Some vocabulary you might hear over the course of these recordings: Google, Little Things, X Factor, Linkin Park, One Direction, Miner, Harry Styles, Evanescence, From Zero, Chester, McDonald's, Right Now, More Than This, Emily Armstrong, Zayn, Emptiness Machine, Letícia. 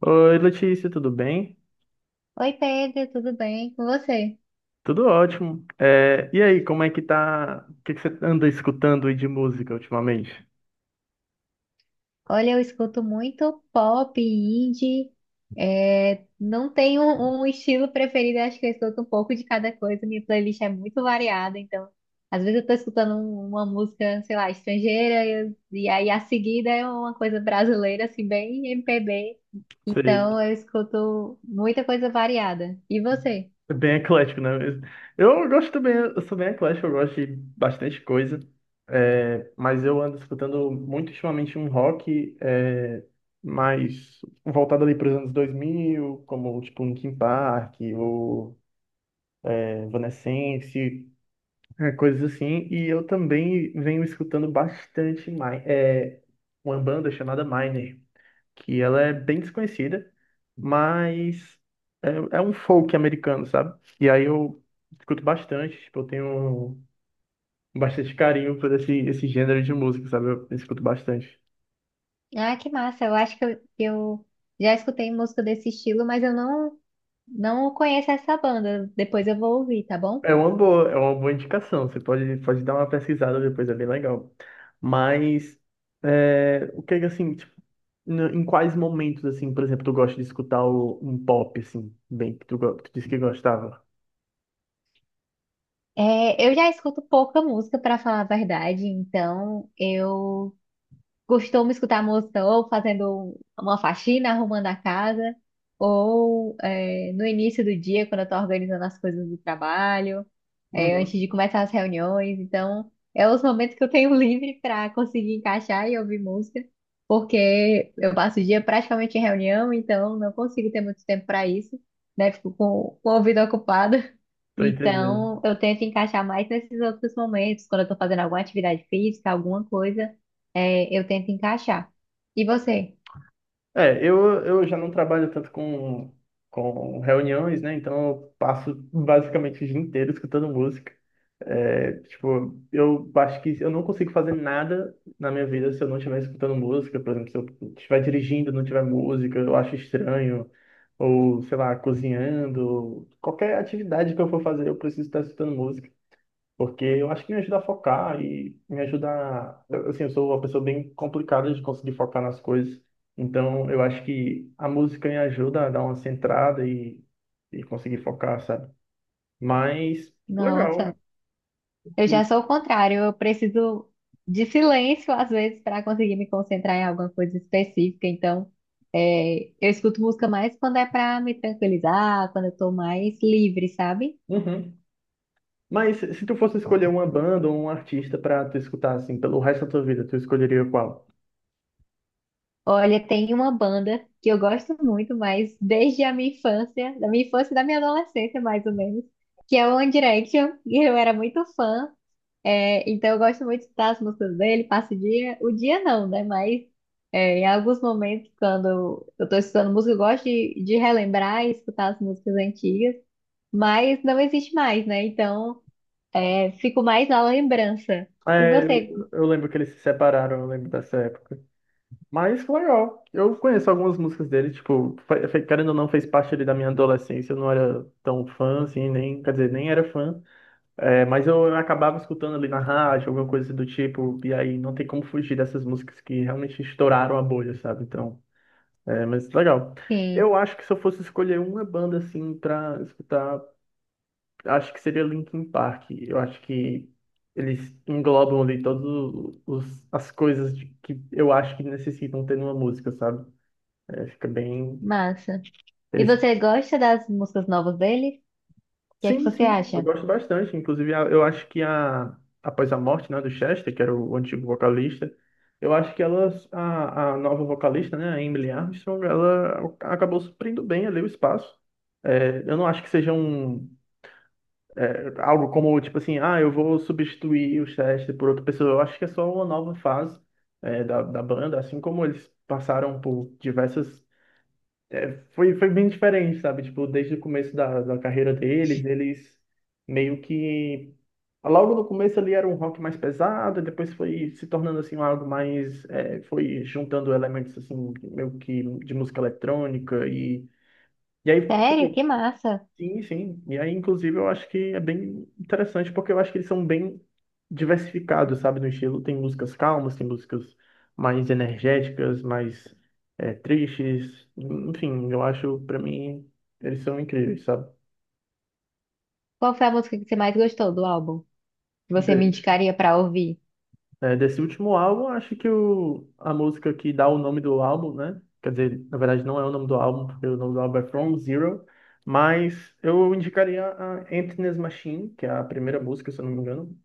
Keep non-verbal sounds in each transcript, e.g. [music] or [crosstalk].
Oi, Letícia, tudo bem? Oi Pedro, tudo bem com você? Tudo ótimo. E aí, como é que tá? O que você anda escutando aí de música ultimamente? Olha, eu escuto muito pop, indie, não tenho um estilo preferido, acho que eu escuto um pouco de cada coisa, minha playlist é muito variada, então às vezes eu tô escutando uma música, sei lá, estrangeira, e aí a seguida é uma coisa brasileira, assim, bem MPB, Você então eu escuto muita coisa variada. E você? é bem eclético, né? Eu gosto também, eu sou bem eclético, eu gosto de bastante coisa. Mas eu ando escutando muito ultimamente um rock mais voltado ali para os anos 2000, como tipo Linkin Park, Evanescence, é, coisas assim. E eu também venho escutando bastante é, uma banda chamada Miner, que ela é bem desconhecida, mas é, é um folk americano, sabe? E aí eu escuto bastante, tipo, eu tenho bastante carinho por esse, esse gênero de música, sabe? Eu escuto bastante. Ah, que massa, eu acho que eu já escutei música desse estilo, mas eu não. Não conheço essa banda, depois eu vou ouvir, tá bom? É uma boa indicação. Você pode, pode dar uma pesquisada depois, é bem legal. Mas é, o que é que, assim, tipo, em quais momentos assim, por exemplo, tu gosta de escutar um pop assim, bem que tu, que tu disse que gostava? É, eu já escuto pouca música, pra falar a verdade, então eu costumo escutar música ou fazendo uma faxina, arrumando a casa, ou no início do dia, quando eu estou organizando as coisas do trabalho, antes Uhum. de começar as reuniões. Então, é os momentos que eu tenho [laughs] livre para conseguir encaixar e ouvir música, porque eu passo o dia praticamente em reunião, então não consigo ter muito tempo para isso, né? Fico com o ouvido ocupado. Tô entendendo. Então, eu tento encaixar mais nesses outros momentos, quando eu estou fazendo alguma atividade física, alguma coisa. É, eu tento encaixar. E você? É, eu já não trabalho tanto com reuniões, né? Então eu passo basicamente o dia inteiro escutando música. É, tipo, eu acho que eu não consigo fazer nada na minha vida se eu não estiver escutando música. Por exemplo, se eu estiver dirigindo e não tiver música, eu acho estranho. Ou, sei lá, cozinhando. Qualquer atividade que eu for fazer, eu preciso estar escutando música. Porque eu acho que me ajuda a focar e me ajuda a... Assim, eu sou uma pessoa bem complicada de conseguir focar nas coisas. Então, eu acho que a música me ajuda a dar uma centrada e conseguir focar, sabe? Mas, legal. Nossa, eu já E- sou o contrário. Eu preciso de silêncio às vezes para conseguir me concentrar em alguma coisa específica. Então, eu escuto música mais quando é para me tranquilizar, quando eu tô mais livre, sabe? Uhum. Mas se tu fosse escolher uma banda ou um artista pra tu escutar, assim, pelo resto da tua vida, tu escolheria qual? Olha, tem uma banda que eu gosto muito, mas desde a minha infância, da minha infância e da minha adolescência, mais ou menos, que é o One Direction. E eu era muito fã. É, então eu gosto muito de escutar as músicas dele, passo o dia não, né? Mas em alguns momentos, quando eu tô escutando música, eu gosto de relembrar e escutar as músicas antigas, mas não existe mais, né? Então fico mais na lembrança. E É, você? Eu lembro que eles se separaram, eu lembro dessa época. Mas legal. Eu conheço algumas músicas dele, tipo, querendo ou não, fez parte ali da minha adolescência. Eu não era tão fã, assim, nem, quer dizer, nem era fã. É, mas eu acabava escutando ali na rádio, alguma coisa do tipo, e aí não tem como fugir dessas músicas que realmente estouraram a bolha, sabe? Então, é, mas legal. Sim, Eu acho que se eu fosse escolher uma banda, assim, pra escutar, acho que seria Linkin Park. Eu acho que eles englobam ali todas as que eu acho que necessitam ter numa música, sabe? É, fica bem. massa. E Eles... você gosta das músicas novas dele? O que é que Sim, você sim, eu acha? gosto bastante. Inclusive, eu acho que a... após a morte, né, do Chester, que era o antigo vocalista, eu acho que a nova vocalista, né, a Emily Armstrong, ela acabou suprindo bem ali o espaço. É, eu não acho que seja um é, algo como, tipo assim, ah, eu vou substituir o Chester por outra pessoa. Eu acho que é só uma nova fase é, da banda, assim como eles passaram por diversas. Foi bem diferente, sabe? Tipo, desde o começo da carreira deles, eles meio que. Logo no começo ali era um rock mais pesado, depois foi se tornando assim algo mais. É, foi juntando elementos assim, meio que de música eletrônica. E aí, Sério? tipo, Que massa! sim, sim. E aí, inclusive, eu acho que é bem interessante, porque eu acho que eles são bem diversificados, sabe, no estilo. Tem músicas calmas, tem músicas mais energéticas, mais é, tristes. Enfim, eu acho, pra mim, eles são incríveis, sabe? Qual foi a música que você mais gostou do álbum? Que você me De- indicaria pra ouvir? Desse último álbum, acho que a música que dá o nome do álbum, né? Quer dizer, na verdade, não é o nome do álbum, porque o nome do álbum é From Zero. Mas eu indicaria a Emptiness Machine, que é a primeira música, se eu não me engano.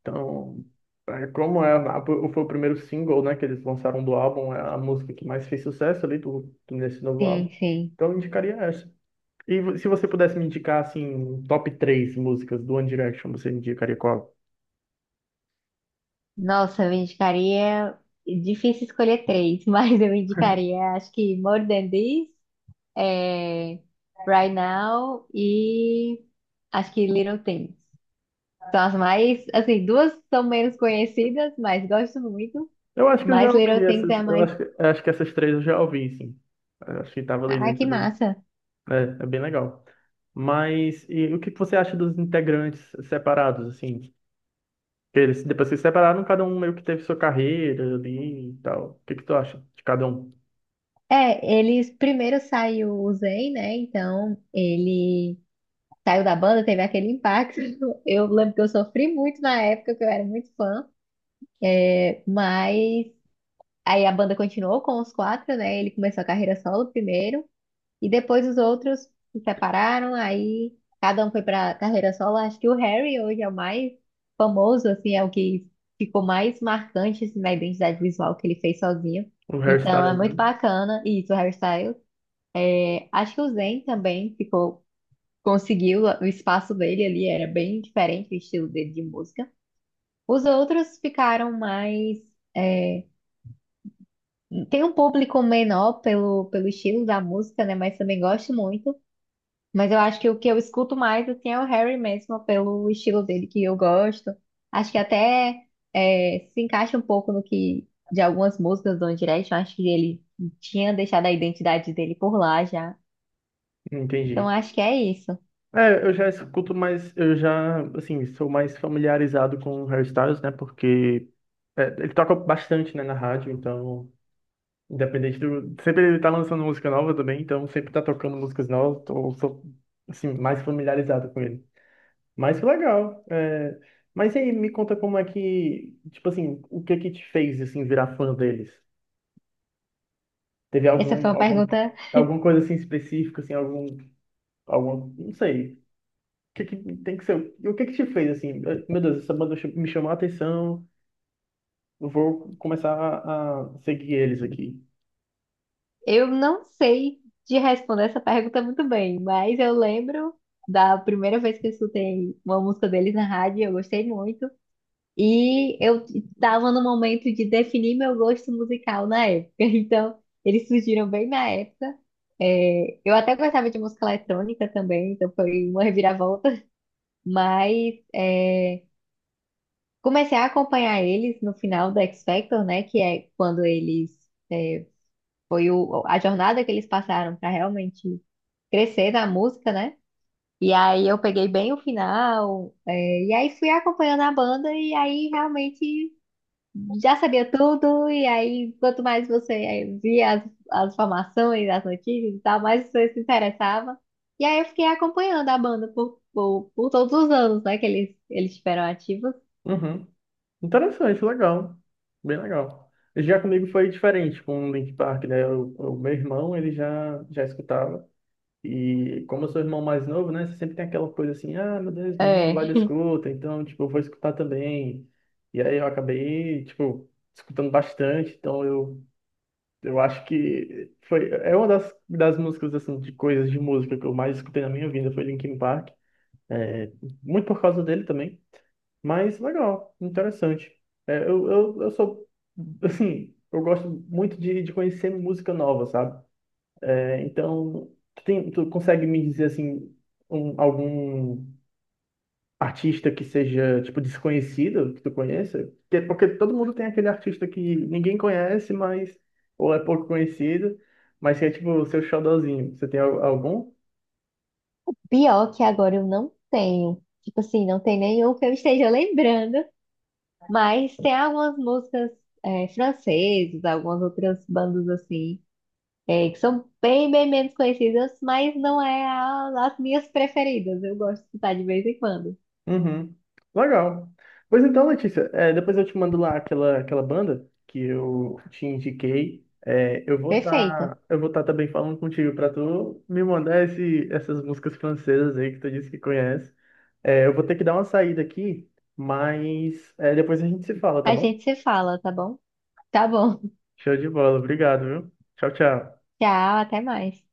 Então, é, como é, foi o primeiro single, né, que eles lançaram do álbum, é a música que mais fez sucesso ali do, nesse novo Sim, álbum. sim. Então, eu indicaria essa. E se você pudesse me indicar, assim, um top três músicas do One Direction, você indicaria qual? Nossa, eu indicaria. Difícil escolher três, [laughs] mas eu indicaria, acho que More Than This, é, Right Now e acho que Little Things. São as mais, assim, duas são menos conhecidas, mas gosto muito. Eu acho que eu já Mas Little ouvi Things essas, é a mais. Eu acho que essas três eu já ouvi, sim. Eu acho que estava ali Ah, dentro que do... massa! É, é bem legal. Mas, e o que que você acha dos integrantes separados, assim? Eles depois se separaram, cada um meio que teve sua carreira ali e tal. O que que tu acha de cada um? É, eles primeiro saiu o Zayn, né? Então ele saiu da banda, teve aquele impacto. [laughs] Eu lembro que eu sofri muito na época, que eu era muito fã. É, mas Aí a banda continuou com os quatro, né? Ele começou a carreira solo primeiro, e depois os outros se separaram, aí cada um foi pra carreira solo. Acho que o Harry hoje é o mais famoso, assim, é o que ficou mais marcante assim, na identidade visual que ele fez sozinho. O Então hairstyle, é muito né? bacana, e isso, o Harry Styles. É, acho que o Zayn também ficou, conseguiu o espaço dele ali, era bem diferente o estilo dele de música. Os outros ficaram mais é, tem um público menor pelo estilo da música, né? Mas também gosto muito. Mas eu acho que o que eu escuto mais assim, é o Harry mesmo, pelo estilo dele que eu gosto. Acho que até se encaixa um pouco no que de algumas músicas do One Direction. Acho que ele tinha deixado a identidade dele por lá já. Então Entendi. acho que é isso. É, eu já escuto mais, eu já, assim, sou mais familiarizado com o Harry Styles, né? Porque é, ele toca bastante, né, na rádio, então, independente do. Sempre ele tá lançando música nova também, então sempre tá tocando músicas novas, então eu sou, assim, mais familiarizado com ele. Mas que legal. É... Mas e aí, me conta como é que, tipo assim, o que que te fez, assim, virar fã deles? Teve Essa foi uma algum, pergunta. alguma coisa assim específica, assim, algum, não sei. O que que tem que ser? E o que que te fez assim? Meu Deus, essa me chamou a atenção. Eu vou começar a seguir eles aqui. Eu não sei de responder essa pergunta muito bem, mas eu lembro da primeira vez que eu escutei uma música deles na rádio, eu gostei muito. E eu estava no momento de definir meu gosto musical na época. [laughs] Então, eles surgiram bem na época. É, eu até gostava de música eletrônica também, então foi uma reviravolta. Mas é, comecei a acompanhar eles no final do X Factor, né? Que é quando é, foi a jornada que eles passaram para realmente crescer na música, né? E aí eu peguei bem o final, é, e aí fui acompanhando a banda, e aí realmente. Já sabia tudo, e aí, quanto mais você via as informações, as notícias e tal, mais você se interessava. E aí eu fiquei acompanhando a banda por todos os anos, né, que eles tiveram ativos. Uhum. Interessante, legal. Bem legal. Já comigo foi diferente com o Link Park, né? O meu irmão, ele já escutava. E como eu sou irmão mais novo, né? Você sempre tem aquela coisa assim, ah, meu Deus, meu irmão É. vai da escuta, então, tipo, eu vou escutar também. E aí eu acabei, tipo, escutando bastante, então eu acho que foi, é uma das músicas, assim, de coisas de música que eu mais escutei na minha vida, foi Linkin Park. É, muito por causa dele também, mas legal, interessante. É, eu sou, [laughs] assim, eu gosto muito de conhecer música nova, sabe? É, então, tu, tu consegue me dizer assim algum artista que seja tipo desconhecido que tu conheça? Que é porque todo mundo tem aquele artista que ninguém conhece, mas ou é pouco conhecido, mas que é tipo o seu xodózinho. Você tem algum? Pior que agora eu não tenho. Tipo assim, não tem nenhum que eu esteja lembrando, mas tem algumas músicas francesas, algumas outras bandas assim, que são bem menos conhecidas, mas não é as minhas preferidas. Eu gosto de escutar de vez em quando. Uhum. Legal. Pois então, Letícia, é, depois eu te mando lá aquela banda que eu te indiquei. É, eu vou Perfeito. estar eu vou tá também falando contigo para tu me mandar essas músicas francesas aí que tu disse que conhece. É, eu vou ter que dar uma saída aqui, mas é, depois a gente se fala, tá A bom? gente se fala, tá bom? Tá bom. [laughs] Show de bola, obrigado, viu? Tchau, tchau. Tchau, até mais.